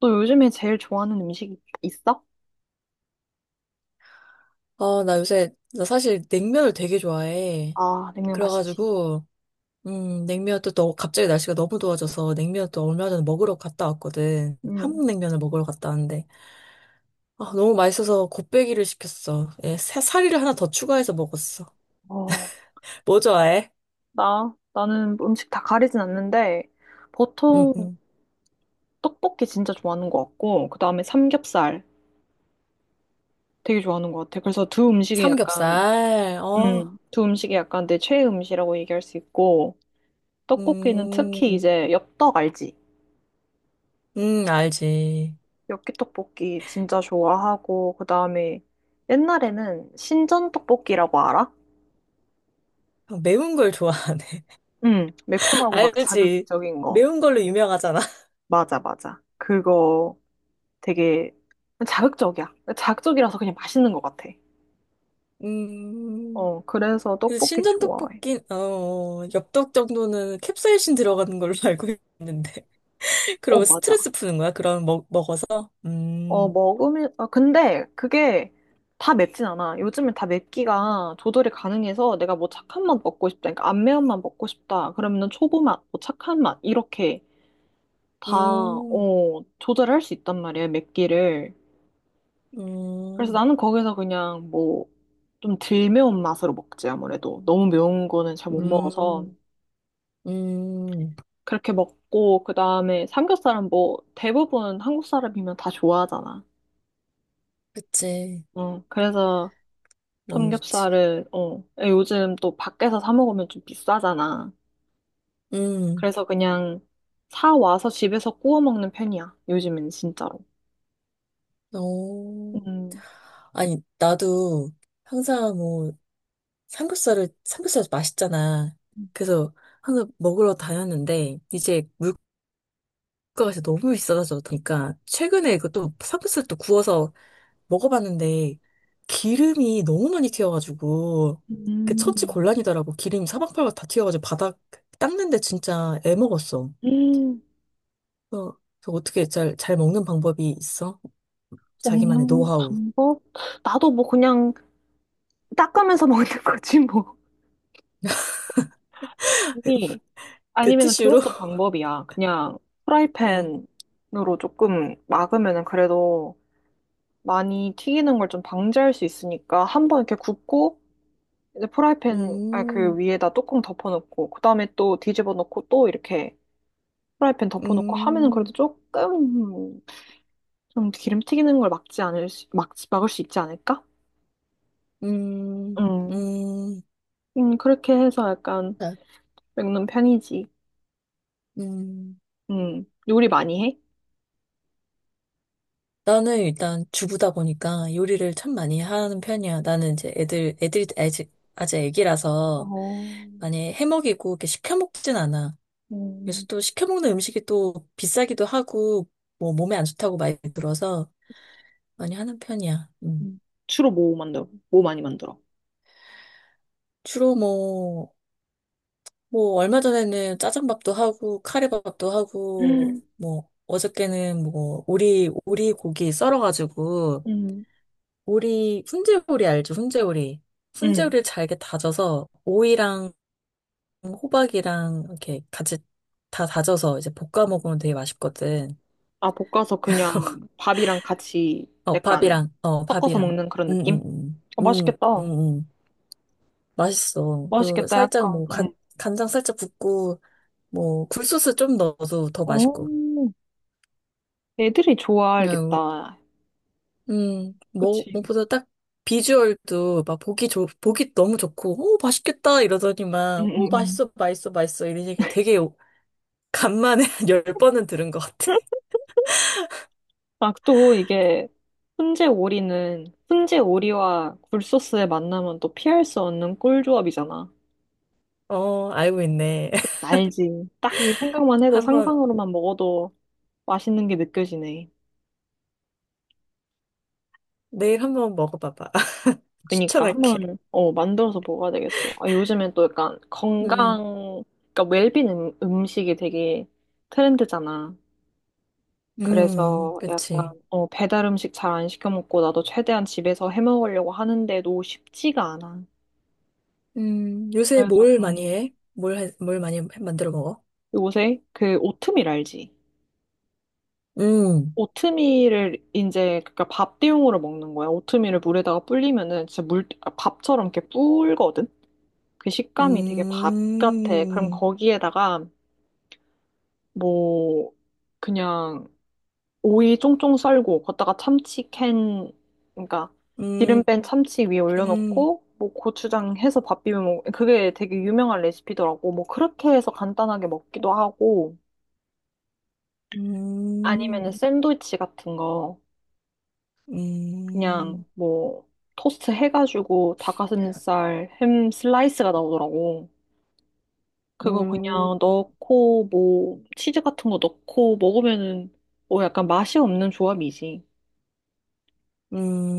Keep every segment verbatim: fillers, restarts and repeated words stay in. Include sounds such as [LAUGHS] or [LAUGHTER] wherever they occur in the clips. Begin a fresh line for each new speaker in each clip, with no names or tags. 너 요즘에 제일 좋아하는 음식 있어?
아, 나 요새, 나 사실 냉면을 되게 좋아해.
아, 냉면 맛있지.
그래가지고, 음, 냉면도 또 갑자기 날씨가 너무 더워져서 냉면 또 얼마 전에 먹으러 갔다 왔거든.
음,
한국 냉면을 먹으러 갔다 왔는데, 아, 너무 맛있어서 곱빼기를 시켰어. 예, 사- 사리를 하나 더 추가해서 먹었어.
어,
뭐 좋아해?
나, 나는 음식 다 가리진 않는데,
음,
보통
음.
떡볶이 진짜 좋아하는 것 같고, 그 다음에 삼겹살 되게 좋아하는 것 같아. 그래서 두 음식이 약간,
삼겹살, 어,
음, 두 음식이 약간 내 최애 음식이라고 얘기할 수 있고, 떡볶이는 특히
음,
이제 엽떡 알지?
음, 알지.
엽기떡볶이 진짜 좋아하고, 그 다음에 옛날에는 신전떡볶이라고 알아?
매운 걸 좋아하네.
음,
[LAUGHS]
매콤하고 막
알지.
자극적인 거.
매운 걸로 유명하잖아.
맞아, 맞아. 그거 되게 자극적이야. 자극적이라서 그냥 맛있는 것 같아.
음.
어, 그래서
그래서
떡볶이
신전
좋아해.
떡볶이, 어, 엽떡 정도는 캡사이신 들어가는 걸로 [LAUGHS] 알고 있는데. [LAUGHS]
어,
그러면
맞아.
스트레스 푸는 거야? 그럼 먹, 먹어서?
어,
음,
먹으면, 아, 근데 그게 다 맵진 않아. 요즘엔 다 맵기가 조절이 가능해서 내가 뭐 착한 맛 먹고 싶다. 그러니까 안 매운 맛 먹고 싶다. 그러면은 초보 맛, 뭐 착한 맛, 이렇게 다,
음,
어, 조절할 수 있단 말이야, 맵기를. 그래서
음,
나는 거기서 그냥 뭐, 좀 덜 매운 맛으로 먹지, 아무래도. 너무 매운 거는 잘 못 먹어서.
음, 음.
그렇게 먹고 그다음에 삼겹살은 뭐 대부분 한국 사람이면 다 좋아하잖아.
그치.
응. 그래서
너무 좋지.
삼겹살을 어 예, 요즘 또 밖에서 사 먹으면 좀 비싸잖아.
음,
그래서 그냥 사 와서 집에서 구워 먹는 편이야. 요즘엔 진짜로.
오.
음.
아니, 나도 항상 뭐, 삼겹살을, 삼겹살 맛있잖아. 그래서 항상 먹으러 다녔는데, 이제 물가가 진짜 너무 비싸져서, 그러니까 최근에 이것 삼겹살 또 구워서 먹어봤는데 기름이 너무 많이 튀어가지고 그 처치
음.
곤란이더라고. 기름이 사방팔방 다 튀어가지고 바닥 닦는데 진짜 애먹었어.
음.
어, 저 어떻게 잘, 잘 먹는 방법이 있어? 자기만의
먹는
노하우.
방법? 나도 뭐 그냥 닦으면서 [LAUGHS] 먹는 거지 뭐.
[LAUGHS]
이
그
아니면
티슈로?
그것도
[LAUGHS]
방법이야. 그냥
어.
프라이팬으로 조금 막으면은 그래도 많이 튀기는 걸 좀 방지할 수 있으니까 한번 이렇게 굽고 이제 프라이팬 아, 그
음,
위에다 뚜껑 덮어놓고 그다음에 또 뒤집어 놓고 또 이렇게 프라이팬 덮어놓고 하면은 그래도
음,
조금 좀 기름 튀기는 걸 막지 않을 수, 막, 막을 수 있지 않을까?
음,
음,
음,
음 그렇게 해서 약간
아,
먹는 편이지.
음.
음, 요리 많이 해?
나는 일단 주부다 보니까 요리를 참 많이 하는 편이야. 나는 이제 애들, 애들이 아직, 아직 애기라서
어,
많이 해먹이고 이렇게 시켜 먹진 않아. 그래서
음.
또 시켜 먹는 음식이 또 비싸기도 하고 뭐 몸에 안 좋다고 많이 들어서 많이 하는 편이야. 음.
음. 주로 뭐 만들어? 뭐 많이 만들어?
주로 뭐, 뭐 얼마 전에는 짜장밥도 하고 카레밥도 하고
음,
뭐 어저께는 뭐 오리, 오리 고기 썰어가지고
음,
오리, 훈제오리 알죠? 훈제오리.
음.
훈제오리를 잘게 다져서 오이랑 호박이랑 이렇게 같이 다 다져서 이제 볶아 먹으면 되게 맛있거든.
아, 볶아서 그냥 밥이랑 같이
어,
약간
밥이랑, 어,
섞어서
밥이랑.
먹는 그런 느낌?
응응응.
어, 맛있겠다.
응응응. 맛있어. 그리고
맛있겠다,
살짝
약간.
뭐
음.
간, 간장 살짝 붓고 뭐 굴소스 좀 넣어도 더
어,
맛있고.
애들이
그냥,
좋아하겠다.
음, 뭐,
그치?
무엇보다 딱 비주얼도 막 보기 좋, 보기 너무 좋고, 오, 맛있겠다
음,
이러더니만,
음,
오,
음.
맛있어, 맛있어, 맛있어 이런 얘기 되게 간만에 [LAUGHS] 한 열번은 들은 것 같아.
[LAUGHS] 아, 또 이게 훈제 오리는 훈제 오리와 굴소스의 만남은 또 피할 수 없는 꿀조합이잖아.
어, 알고 있네. [LAUGHS]
알지. 딱 이 생각만 해도
한번,
상상으로만 먹어도 맛있는 게 느껴지네.
내일 한번 먹어봐봐. [LAUGHS]
그니까
추천할게.
한번 어 만들어서 먹어야 되겠어. 아 요즘엔 또 약간
음,
건강 그러니까 웰빙 음, 음식이 되게 트렌드잖아.
음,
그래서 약간
그치.
어 배달 음식 잘 안 시켜 먹고 나도 최대한 집에서 해 먹으려고 하는데도 쉽지가 않아.
음, 요새
그래서
뭘 많이
음
해? 뭘, 해- 뭘 많이 만들어 먹어?
요새 그 오트밀 알지?
음,
오트밀을 이제 그니까 밥 대용으로 먹는 거야. 오트밀을 물에다가 불리면은 진짜 물 아, 밥처럼 이렇게 불거든. 그 식감이 되게 밥 같아. 그럼
음,
거기에다가 뭐 그냥 오이 쫑쫑 썰고 걷다가 참치 캔 그러니까 기름
음,
뺀 참치 위에
음,
올려놓고 뭐 고추장 해서 밥 비벼 먹 그게 되게 유명한 레시피더라고. 뭐 그렇게 해서 간단하게 먹기도 하고 아니면은
음,
샌드위치 같은 거 그냥
음,
뭐 토스트 해가지고 닭가슴살 햄 슬라이스가 나오더라고. 그거
음,
그냥 넣고 뭐 치즈 같은 거 넣고 먹으면은 뭐 약간 맛이 없는 조합이지.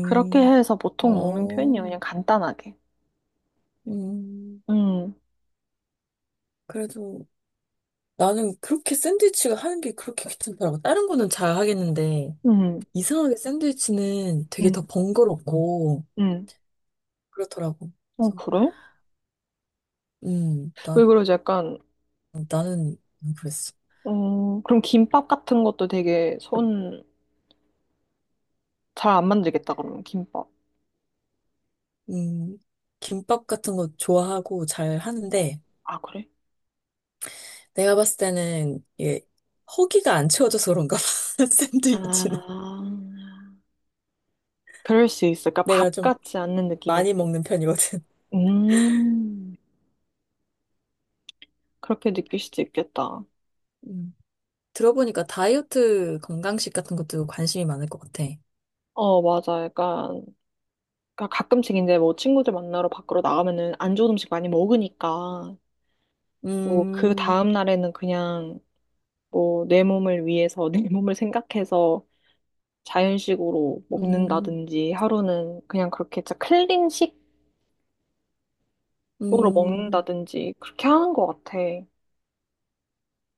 그렇게 해서 보통 먹는
어,
편이에요. 그냥 간단하게.
음.
음,
그래도 나는 그렇게 샌드위치가 하는 게 그렇게 귀찮더라고. 다른 거는 잘 하겠는데,
음,
이상하게 샌드위치는 되게 더
음,
번거롭고,
음.
그렇더라고.
어,
그래서,
그래?
음,
왜
난,
그러지? 약간,
나는 그랬어.
어, 그럼 김밥 같은 것도 되게 손 잘 안 만들겠다, 그러면 김밥.
음, 김밥 같은 거 좋아하고 잘 하는데,
아, 그래?
내가 봤을 때는, 이게, 허기가 안 채워져서 그런가 봐. [LAUGHS] 샌드위치는.
아, 그럴 수 있어. 그러니까
내가
밥
좀
같지 않는 느낌이.
많이 먹는 편이거든.
음, 그렇게 느낄 수도 있겠다.
음, 들어보니까 다이어트 건강식 같은 것도 관심이 많을 것 같아.
어, 맞아. 약간, 그러니까 가끔씩 이제 뭐 친구들 만나러 밖으로 나가면은 안 좋은 음식 많이 먹으니까, 뭐 그
음,
다음날에는 그냥 뭐 내 몸을 위해서 내 [LAUGHS] 몸을 생각해서 자연식으로
음.
먹는다든지 하루는 그냥 그렇게 진짜 클린식으로
음,
먹는다든지 그렇게 하는 것 같아.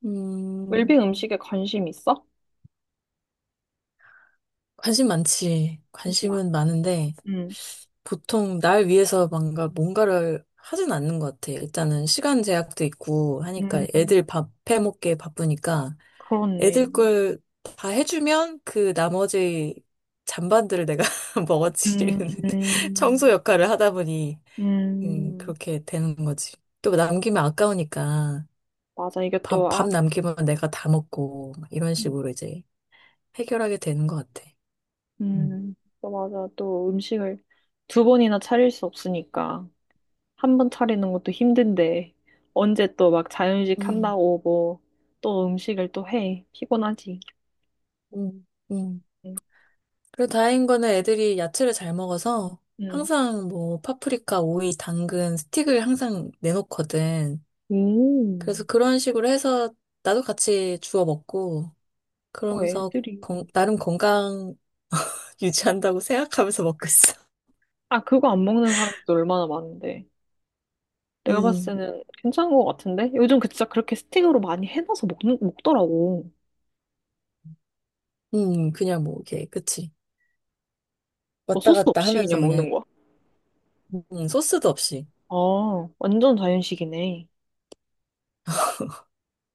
음,
웰빙 음식에 관심 있어?
관심 많지.
잠시만.
관심은 많은데,
음,
보통 날 위해서 뭔가, 뭔가를 하진 않는 것 같아. 일단은 시간 제약도 있고 하니까 애들
음,
밥 해먹기에 바쁘니까
그렇네.
애들 걸 다 해주면 그 나머지 잔반들을 내가 [LAUGHS] 먹어치우는
음,
[LAUGHS] 청소
음,
역할을 하다 보니, 음,
음,
그렇게 되는 거지. 또 남기면 아까우니까
맞아. 이게
밥,
또,
밥
아,
남기면 내가 다 먹고, 막 이런
음,
식으로 이제 해결하게 되는 것 같아. 음.
음. 또 맞아. 또 음식을 두 번이나 차릴 수 없으니까. 한 번 차리는 것도 힘든데 언제 또 막 자연식
음,
한다고 뭐 또 음식을 또 해. 피곤하지.
음, 음.
응.
그리고 다행인 거는 애들이 야채를 잘 먹어서
응.
항상 뭐 파프리카, 오이, 당근, 스틱을 항상 내놓거든. 그래서 그런 식으로 해서 나도 같이 주워 먹고
오. 어,
그러면서
애들이.
건- 나름 건강 [LAUGHS] 유지한다고 생각하면서 먹고 있어.
아, 그거 안 먹는 사람도 얼마나 많은데. 내가 봤을
음,
때는 괜찮은 것 같은데? 요즘 그 진짜 그렇게 스틱으로 많이 해놔서 먹는, 먹더라고.
음, 그냥 뭐 이렇게 그치
뭐
왔다
소스
갔다
없이
하면서
그냥
그냥
먹는 거야.
음, 소스도 없이
아, 완전 자연식이네.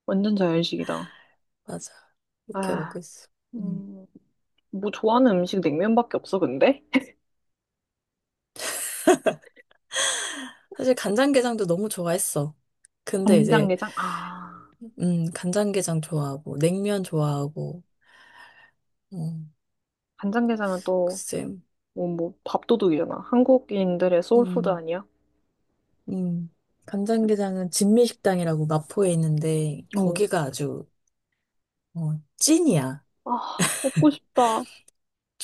완전 자연식이다.
맞아 이렇게
아,
먹고 있어. 음.
음, 뭐 좋아하는 음식 냉면밖에 없어, 근데? [LAUGHS]
사실 간장게장도 너무 좋아했어. 근데 이제
간장게장? 아,
음, 간장게장 좋아하고, 냉면 좋아하고, 어
간장게장은 또
글쎄,
어, 뭐 밥도둑이잖아. 한국인들의 소울푸드
음,
아니야?
음. 간장게장은 진미식당이라고 마포에 있는데,
어,
거기가 아주, 어, 찐이야.
아, 먹고 싶다.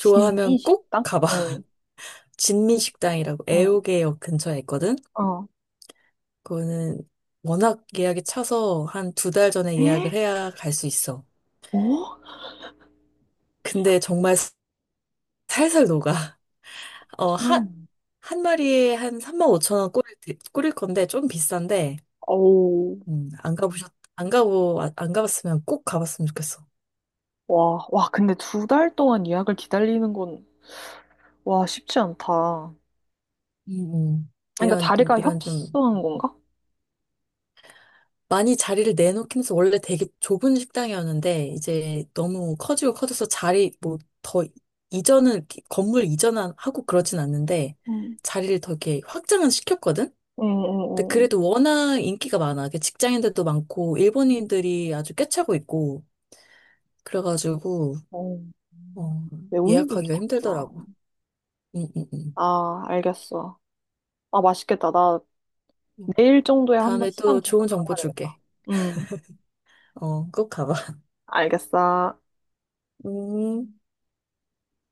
진미
꼭
식당?
가봐.
어,
[LAUGHS] 진미식당이라고
어.
애호개역 근처에 있거든?
어.
그거는 워낙 예약이 차서 한 두 달 전에
에?
예약을 해야 갈 수 있어.
어?
근데 정말 살살 녹아. [LAUGHS] 어, 한,
참.
한 마리에 한 삼만 오천 원 꼬릴, 테- 꼬릴 건데, 좀 비싼데,
어우,
음, 안 가보셨, 안 가고, 아- 안 가봤으면 꼭 가봤으면 좋겠어.
와, 와, 근데 두 달 동안 예약을 기다리는 건, 와, 쉽지 않다.
음. 음,
그러니까
이런 좀,
자리가
이런 좀,
협소한 건가?
많이 자리를 내놓기면서 원래 되게 좁은 식당이었는데, 이제 너무 커지고 커져서 자리, 뭐, 더, 이전은, 이렇게 건물 이전하고 그러진 않는데,
응.
자리를 더 이렇게 확장은 시켰거든?
응,
근데
응,
그래도 워낙 인기가 많아. 이게 직장인들도 많고,
응.
일본인들이 아주 꿰차고 있고, 그래가지고,
어,
어,
매운이들도
예약하기가
많구나.
힘들더라고. 응, 응,
아, 알겠어. 아, 맛있겠다. 나
응.
내일 정도에 한번
다음에
시간
또
되면
좋은 정보
가봐야 되겠다.
줄게.
응,
어, 꼭 가봐. [LAUGHS]
알겠어.
음,